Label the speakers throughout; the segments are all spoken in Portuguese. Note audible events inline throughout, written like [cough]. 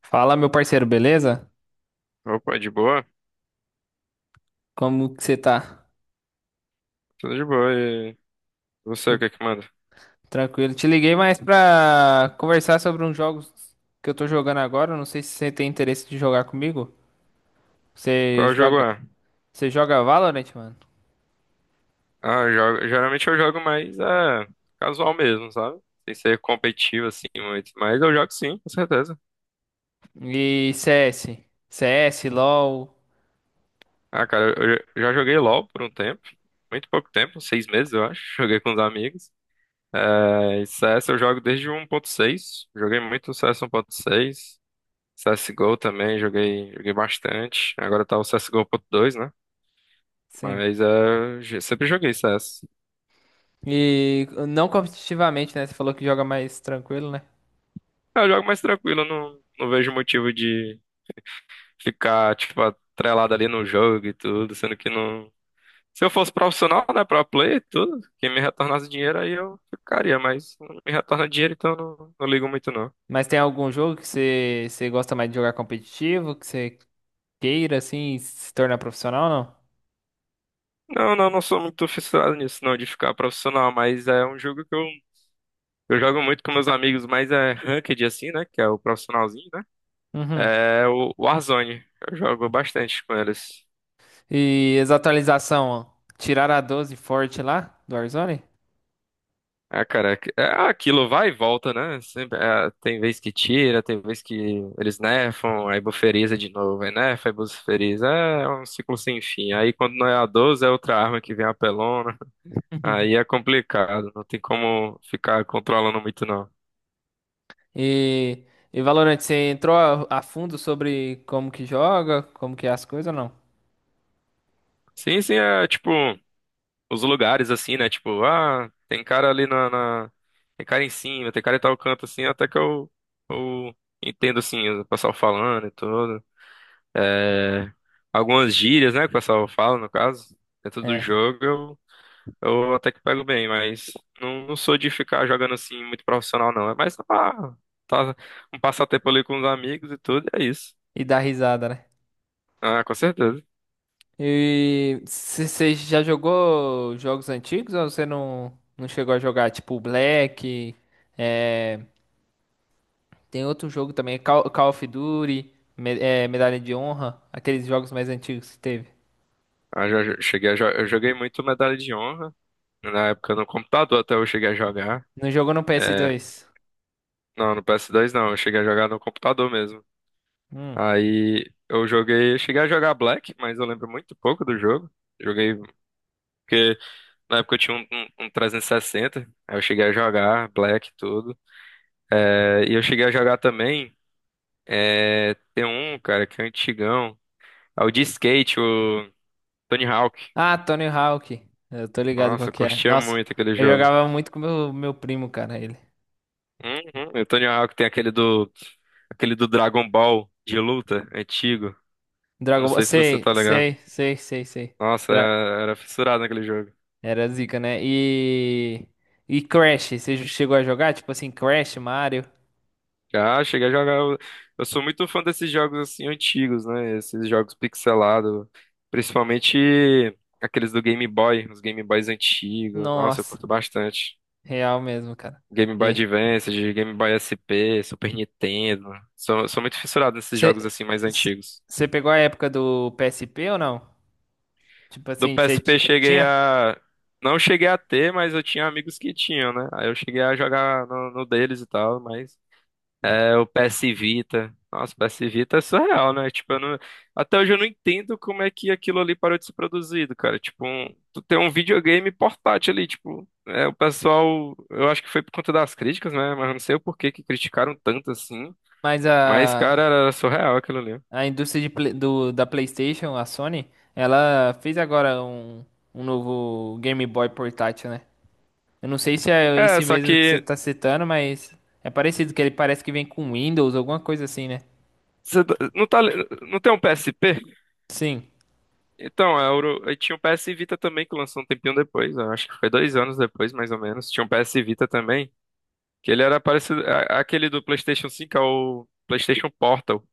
Speaker 1: Fala, meu parceiro, beleza?
Speaker 2: Opa, de boa?
Speaker 1: Como que você tá?
Speaker 2: Tudo de boa. E você, o
Speaker 1: Tô
Speaker 2: que que manda?
Speaker 1: tranquilo. Te liguei mais pra conversar sobre uns jogos que eu tô jogando agora. Não sei se você tem interesse de jogar comigo. Você
Speaker 2: Qual jogo
Speaker 1: joga,
Speaker 2: é?
Speaker 1: você joga Valorant, mano?
Speaker 2: Ah, eu jogo, geralmente eu jogo mais é, casual mesmo, sabe? Sem ser competitivo assim muito. Mas eu jogo sim, com certeza.
Speaker 1: E CS, LoL,
Speaker 2: Ah, cara, eu já já joguei LoL por um tempo. Muito pouco tempo, 6 meses eu acho. [laughs] Joguei com os amigos. É, e CS eu jogo desde o 1.6. Joguei muito C S um ponto CS 1.6. CSGO também, joguei bastante. Agora tá o C S G O ponto dois, né?
Speaker 1: sim.
Speaker 2: Mas é, sempre joguei CS.
Speaker 1: E não competitivamente, né? Você falou que joga mais tranquilo, né?
Speaker 2: Eu jogo mais tranquilo, eu não vejo motivo de ficar, tipo, atrelado ali no jogo e tudo, sendo que não. Se eu fosse profissional, né, pro player e tudo, quem me retornasse dinheiro aí eu ficaria, mas não me retorna dinheiro, então eu não ligo muito não.
Speaker 1: Mas tem algum jogo que você gosta mais de jogar competitivo, que você queira assim se tornar profissional
Speaker 2: Não, não, não sou muito fissurado nisso, não, de ficar profissional, mas é um jogo que eu jogo muito com meus amigos, mas é ranked assim, né, que é o profissionalzinho, né?
Speaker 1: ou não? Uhum.
Speaker 2: É o Warzone, eu jogo bastante com eles.
Speaker 1: E as atualizações, tiraram a 12 forte lá do Warzone?
Speaker 2: Ah, cara, é aquilo, vai e volta, né? Sempre, é, tem vez que tira, tem vez que eles nerfam, aí buferiza de novo, aí nerfa, aí buferiza. É um ciclo sem fim. Aí quando não é a 12, é outra arma que vem apelona. [laughs]
Speaker 1: [laughs]
Speaker 2: Aí é complicado, não tem como ficar controlando muito, não.
Speaker 1: E, e Valorant, você entrou a fundo sobre como que joga, como que é as coisas ou não?
Speaker 2: Sim, sim, é tipo, os lugares assim, né? Tipo, ah, tem cara ali. Tem cara em cima, tem cara em tal canto assim, até que eu entendo assim, o pessoal falando e tudo. É, algumas gírias, né, que o pessoal fala, no caso, dentro do
Speaker 1: É,
Speaker 2: jogo, eu até que pego bem, mas não sou de ficar jogando assim muito profissional, não. É mais pra, tá, um passatempo ali com os amigos e tudo, e é isso.
Speaker 1: e dá risada, né?
Speaker 2: Ah, com certeza.
Speaker 1: E você já jogou jogos antigos ou você não chegou a jogar? Tipo Black, é, tem outro jogo também, Call of Duty, é, Medalha de Honra, aqueles jogos mais antigos que teve.
Speaker 2: Ah, já, já eu joguei muito Medalha de Honra, na época no computador até eu cheguei a jogar.
Speaker 1: Não jogou no ps
Speaker 2: É,
Speaker 1: dois
Speaker 2: não, no PS2 não, eu cheguei a jogar no computador mesmo.
Speaker 1: Hum.
Speaker 2: Aí cheguei a jogar Black, mas eu lembro muito pouco do jogo. Joguei porque na época eu tinha um 360, aí eu cheguei a jogar Black e tudo. É, e eu cheguei a jogar também, é, tem um, cara, que é um antigão. É o de skate, o Tony Hawk.
Speaker 1: Ah, Tony Hawk. Eu tô ligado qual
Speaker 2: Nossa, eu
Speaker 1: que é.
Speaker 2: curtia
Speaker 1: Nossa,
Speaker 2: muito aquele
Speaker 1: eu
Speaker 2: jogo.
Speaker 1: jogava muito com meu primo, cara, ele.
Speaker 2: Uhum, e o Tony Hawk tem aquele do Dragon Ball de luta, antigo. Eu não
Speaker 1: Dragon Ball,
Speaker 2: sei se você
Speaker 1: sei,
Speaker 2: tá ligado.
Speaker 1: sei, sei, sei, sei.
Speaker 2: Nossa, era,
Speaker 1: Dra-
Speaker 2: era fissurado naquele jogo.
Speaker 1: Era zica, né? E Crash, você chegou a jogar tipo assim Crash, Mario?
Speaker 2: Já cheguei a jogar. Eu sou muito fã desses jogos assim antigos, né? Esses jogos pixelados, principalmente aqueles do Game Boy, os Game Boys antigos. Nossa, eu
Speaker 1: Nossa,
Speaker 2: curto bastante.
Speaker 1: real mesmo, cara.
Speaker 2: Game Boy
Speaker 1: E
Speaker 2: Advance, de Game Boy SP, Super Nintendo. Sou muito fissurado nesses jogos
Speaker 1: você
Speaker 2: assim mais antigos.
Speaker 1: você pegou a época do PSP ou não? Tipo
Speaker 2: Do
Speaker 1: assim, você
Speaker 2: PSP cheguei
Speaker 1: tinha?
Speaker 2: a. Não cheguei a ter, mas eu tinha amigos que tinham, né? Aí eu cheguei a jogar no deles e tal, mas. É o PS Vita. Nossa, o PS Vita é surreal, né? Tipo, eu não. Até hoje eu não entendo como é que aquilo ali parou de ser produzido, cara. Tipo, um, tu tem um videogame portátil ali, tipo, é, o pessoal, eu acho que foi por conta das críticas, né? Mas eu não sei o porquê que criticaram tanto assim.
Speaker 1: Mas
Speaker 2: Mas, cara,
Speaker 1: a
Speaker 2: era surreal aquilo ali.
Speaker 1: A indústria de da PlayStation, a Sony, ela fez agora um novo Game Boy portátil, né? Eu não sei se é
Speaker 2: É,
Speaker 1: esse
Speaker 2: só
Speaker 1: mesmo que você
Speaker 2: que
Speaker 1: tá citando, mas é parecido, que ele parece que vem com Windows, alguma coisa assim, né?
Speaker 2: não tá, não tem um PSP?
Speaker 1: Sim.
Speaker 2: Então, é, eu tinha o PS Vita também que lançou um tempinho depois, eu acho que foi 2 anos depois, mais ou menos. Tinha um PS Vita também. Que ele era parecido. Aquele do PlayStation 5 é o PlayStation Portal.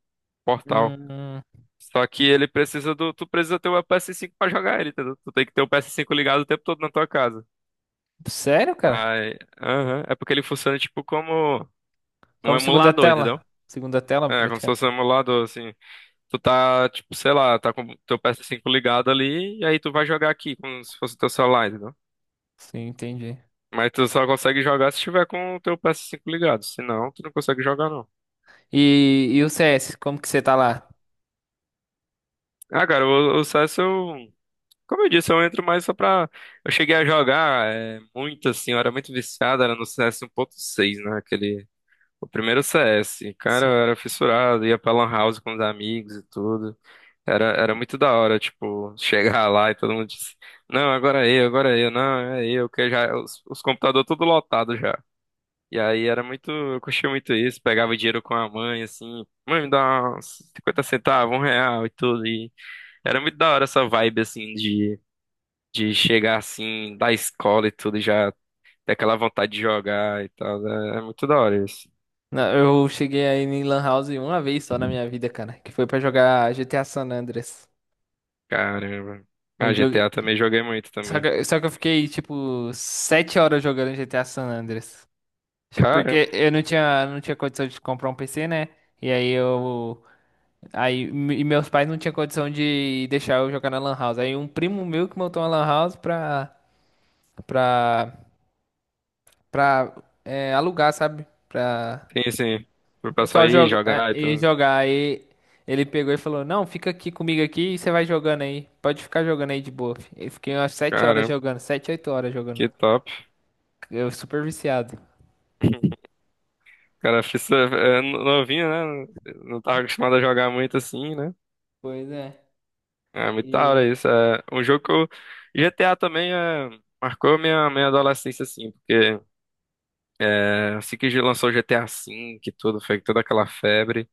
Speaker 2: Portal.
Speaker 1: Hum,
Speaker 2: Só que ele precisa do. Tu precisa ter o PS5 pra jogar ele, entendeu? Tu tem que ter o PS5 ligado o tempo todo na tua casa.
Speaker 1: sério, cara?
Speaker 2: Aí. Aham. É porque ele funciona tipo como um
Speaker 1: Como segunda
Speaker 2: emulador,
Speaker 1: tela?
Speaker 2: entendeu?
Speaker 1: Segunda tela,
Speaker 2: É, como se
Speaker 1: praticamente.
Speaker 2: fosse um emulador, assim. Tu tá, tipo, sei lá, tá com o teu PS5 ligado ali, e aí tu vai jogar aqui, como se fosse o teu celular, entendeu?
Speaker 1: Sim, entendi.
Speaker 2: Mas tu só consegue jogar se tiver com o teu PS5 ligado. Senão, tu não consegue jogar, não.
Speaker 1: E o CS, como que você tá lá?
Speaker 2: Ah, cara, o CS eu. Como eu disse, eu entro mais só pra. Eu cheguei a jogar é, muito assim, eu era muito viciado, era no CS seis, né? Aquele. O primeiro CS. Cara, eu
Speaker 1: Sim.
Speaker 2: era fissurado, ia pra Lan House com os amigos e tudo. Era muito da hora, tipo, [laughs] chegar lá e todo mundo disse: Não, agora é eu, não, é eu, que já. Os computadores tudo lotado já. E aí era muito. Eu curtia muito isso, pegava dinheiro com a mãe, assim, mãe, me dá uns 50 centavos, um real e tudo. E era muito da hora essa vibe, assim, de chegar assim da escola e tudo, e já ter aquela vontade de jogar e tal, né? É muito da hora isso.
Speaker 1: Não, eu cheguei aí em Lan House uma vez só na minha vida, cara, que foi pra jogar GTA San Andreas.
Speaker 2: Caramba.
Speaker 1: Eu,
Speaker 2: Ah,
Speaker 1: jo-
Speaker 2: GTA também joguei muito
Speaker 1: Só
Speaker 2: também.
Speaker 1: que, só que eu fiquei, tipo, 7 horas jogando GTA San Andreas. Tipo,
Speaker 2: Caramba,
Speaker 1: porque eu não tinha condição de comprar um PC, né? E aí eu. Aí, e meus pais não tinham condição de deixar eu jogar na Lan House. Aí um primo meu que montou uma Lan House pra. pra é, alugar, sabe? Pra
Speaker 2: tem assim, pro
Speaker 1: o
Speaker 2: pessoal
Speaker 1: pessoal
Speaker 2: ir
Speaker 1: joga, é,
Speaker 2: jogar e
Speaker 1: e
Speaker 2: tudo.
Speaker 1: jogar. Aí ele pegou e falou: Não, fica aqui comigo aqui e você vai jogando aí. Pode ficar jogando aí de boa. Eu fiquei umas 7 horas
Speaker 2: Caramba,
Speaker 1: jogando, 7, 8 horas jogando.
Speaker 2: que top.
Speaker 1: Eu super viciado.
Speaker 2: [laughs] Cara, fiz é, novinho, né? Não tava acostumado a jogar muito assim, né?
Speaker 1: Pois é.
Speaker 2: É muito da hora
Speaker 1: E...
Speaker 2: isso. É um jogo que eu. GTA também é, marcou minha adolescência, assim, porque é, assim que lançou o GTA V e tudo, foi toda aquela febre.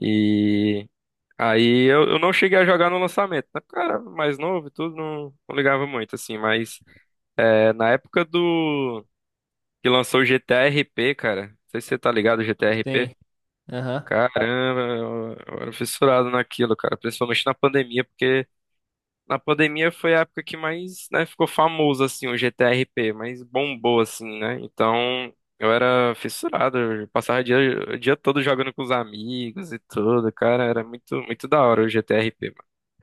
Speaker 2: E aí eu não cheguei a jogar no lançamento, né? Porque eu era mais novo e tudo, não ligava muito, assim. Mas é, na época do que lançou o GTA RP, cara, não sei se você tá ligado, GTA RP.
Speaker 1: Sim. Aham.
Speaker 2: Caramba, eu era fissurado naquilo, cara. Principalmente na pandemia, porque na pandemia foi a época que mais, né, ficou famoso, assim, o GTRP, mais bombou, assim, né? Então, eu era fissurado, eu passava o dia todo jogando com os amigos e tudo, cara, era muito, muito da hora o GTRP,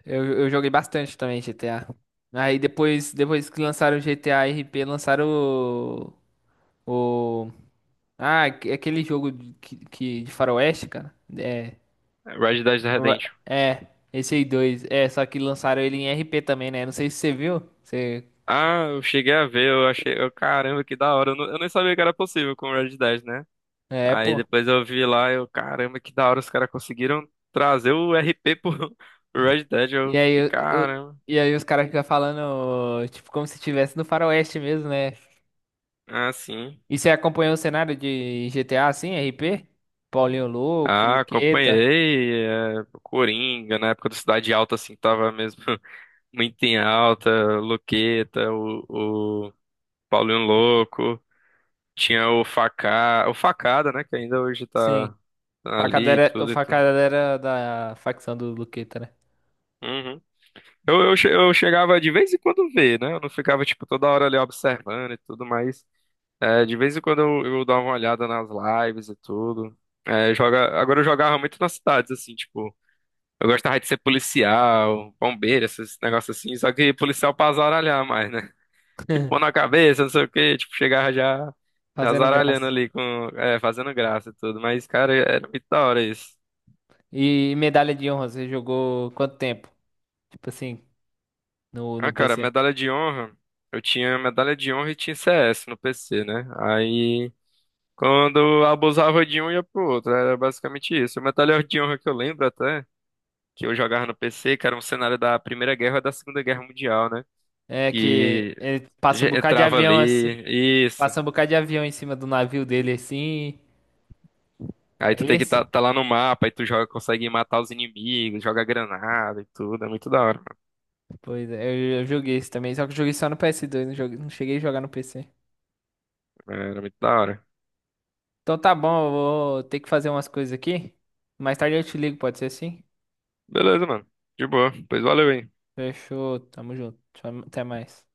Speaker 1: Eu joguei bastante também GTA. Aí depois que lançaram o GTA RP, lançaram o... Ah, aquele jogo de faroeste, cara. É.
Speaker 2: mano. Red Dead Redemption.
Speaker 1: É, esse aí dois. É, só que lançaram ele em RP também, né? Não sei se você viu. Você...
Speaker 2: Ah, eu cheguei a ver, eu achei, eu, caramba, que da hora, eu nem sabia que era possível com o Red Dead, né?
Speaker 1: É,
Speaker 2: Aí
Speaker 1: pô.
Speaker 2: depois eu vi lá, eu, caramba, que da hora, os caras conseguiram trazer o RP pro [laughs] pro Red Dead, eu
Speaker 1: E aí,
Speaker 2: fiquei, caramba,
Speaker 1: e aí os caras ficam falando, tipo, como se estivesse no faroeste mesmo, né?
Speaker 2: ah, sim.
Speaker 1: E você acompanhou o cenário de GTA, assim, RP? Paulinho Louco,
Speaker 2: Ah,
Speaker 1: Luqueta.
Speaker 2: acompanhei, é, Coringa, na época do Cidade Alta, assim, tava mesmo [laughs] muito em alta, Luqueta, o Paulinho Louco, tinha o Facá, o Facada, né, que ainda hoje
Speaker 1: Sim.
Speaker 2: tá ali e
Speaker 1: Facadera, o
Speaker 2: tudo e tudo.
Speaker 1: facadera da facção do Luqueta, né?
Speaker 2: Uhum. Eu chegava de vez em quando ver, né, eu não ficava, tipo, toda hora ali observando e tudo, mas é, de vez em quando eu dava uma olhada nas lives e tudo. É, agora eu jogava muito nas cidades, assim, tipo. Eu gostava de ser policial, bombeiro, esses negócios assim, só que policial pra azaralhar mais, né? [laughs] Tipo, pôr
Speaker 1: [laughs]
Speaker 2: na cabeça, não sei o quê, tipo, chegava já, já
Speaker 1: Fazendo
Speaker 2: azaralhando
Speaker 1: graça.
Speaker 2: ali, com, é, fazendo graça e tudo. Mas, cara, é, era muito da hora isso.
Speaker 1: E medalha de honra, você jogou quanto tempo? Tipo assim, no
Speaker 2: Ah, cara,
Speaker 1: PC.
Speaker 2: medalha de honra, eu tinha medalha de honra e tinha CS no PC, né? Aí, quando eu abusava de um, ia pro outro, era basicamente isso. A medalha de honra que eu lembro até, que eu jogava no PC, que era um cenário da Primeira Guerra e da Segunda Guerra Mundial, né?
Speaker 1: É que
Speaker 2: E
Speaker 1: ele passa um bocado de
Speaker 2: entrava
Speaker 1: avião assim.
Speaker 2: ali, isso.
Speaker 1: Passa um bocado de avião em cima do navio dele assim.
Speaker 2: Aí
Speaker 1: É
Speaker 2: tu tem que tá,
Speaker 1: esse?
Speaker 2: tá lá no mapa, aí tu joga, consegue matar os inimigos, joga granada e tudo. É muito da hora,
Speaker 1: Pois é, eu joguei esse também, só que eu joguei só no PS2, não, joguei, não cheguei a jogar no PC.
Speaker 2: mano. É, era muito da hora.
Speaker 1: Então tá bom, eu vou ter que fazer umas coisas aqui. Mais tarde eu te ligo, pode ser assim?
Speaker 2: Beleza, mano. De boa. Pois valeu, hein.
Speaker 1: Fechou, tamo junto. Tchau, até mais.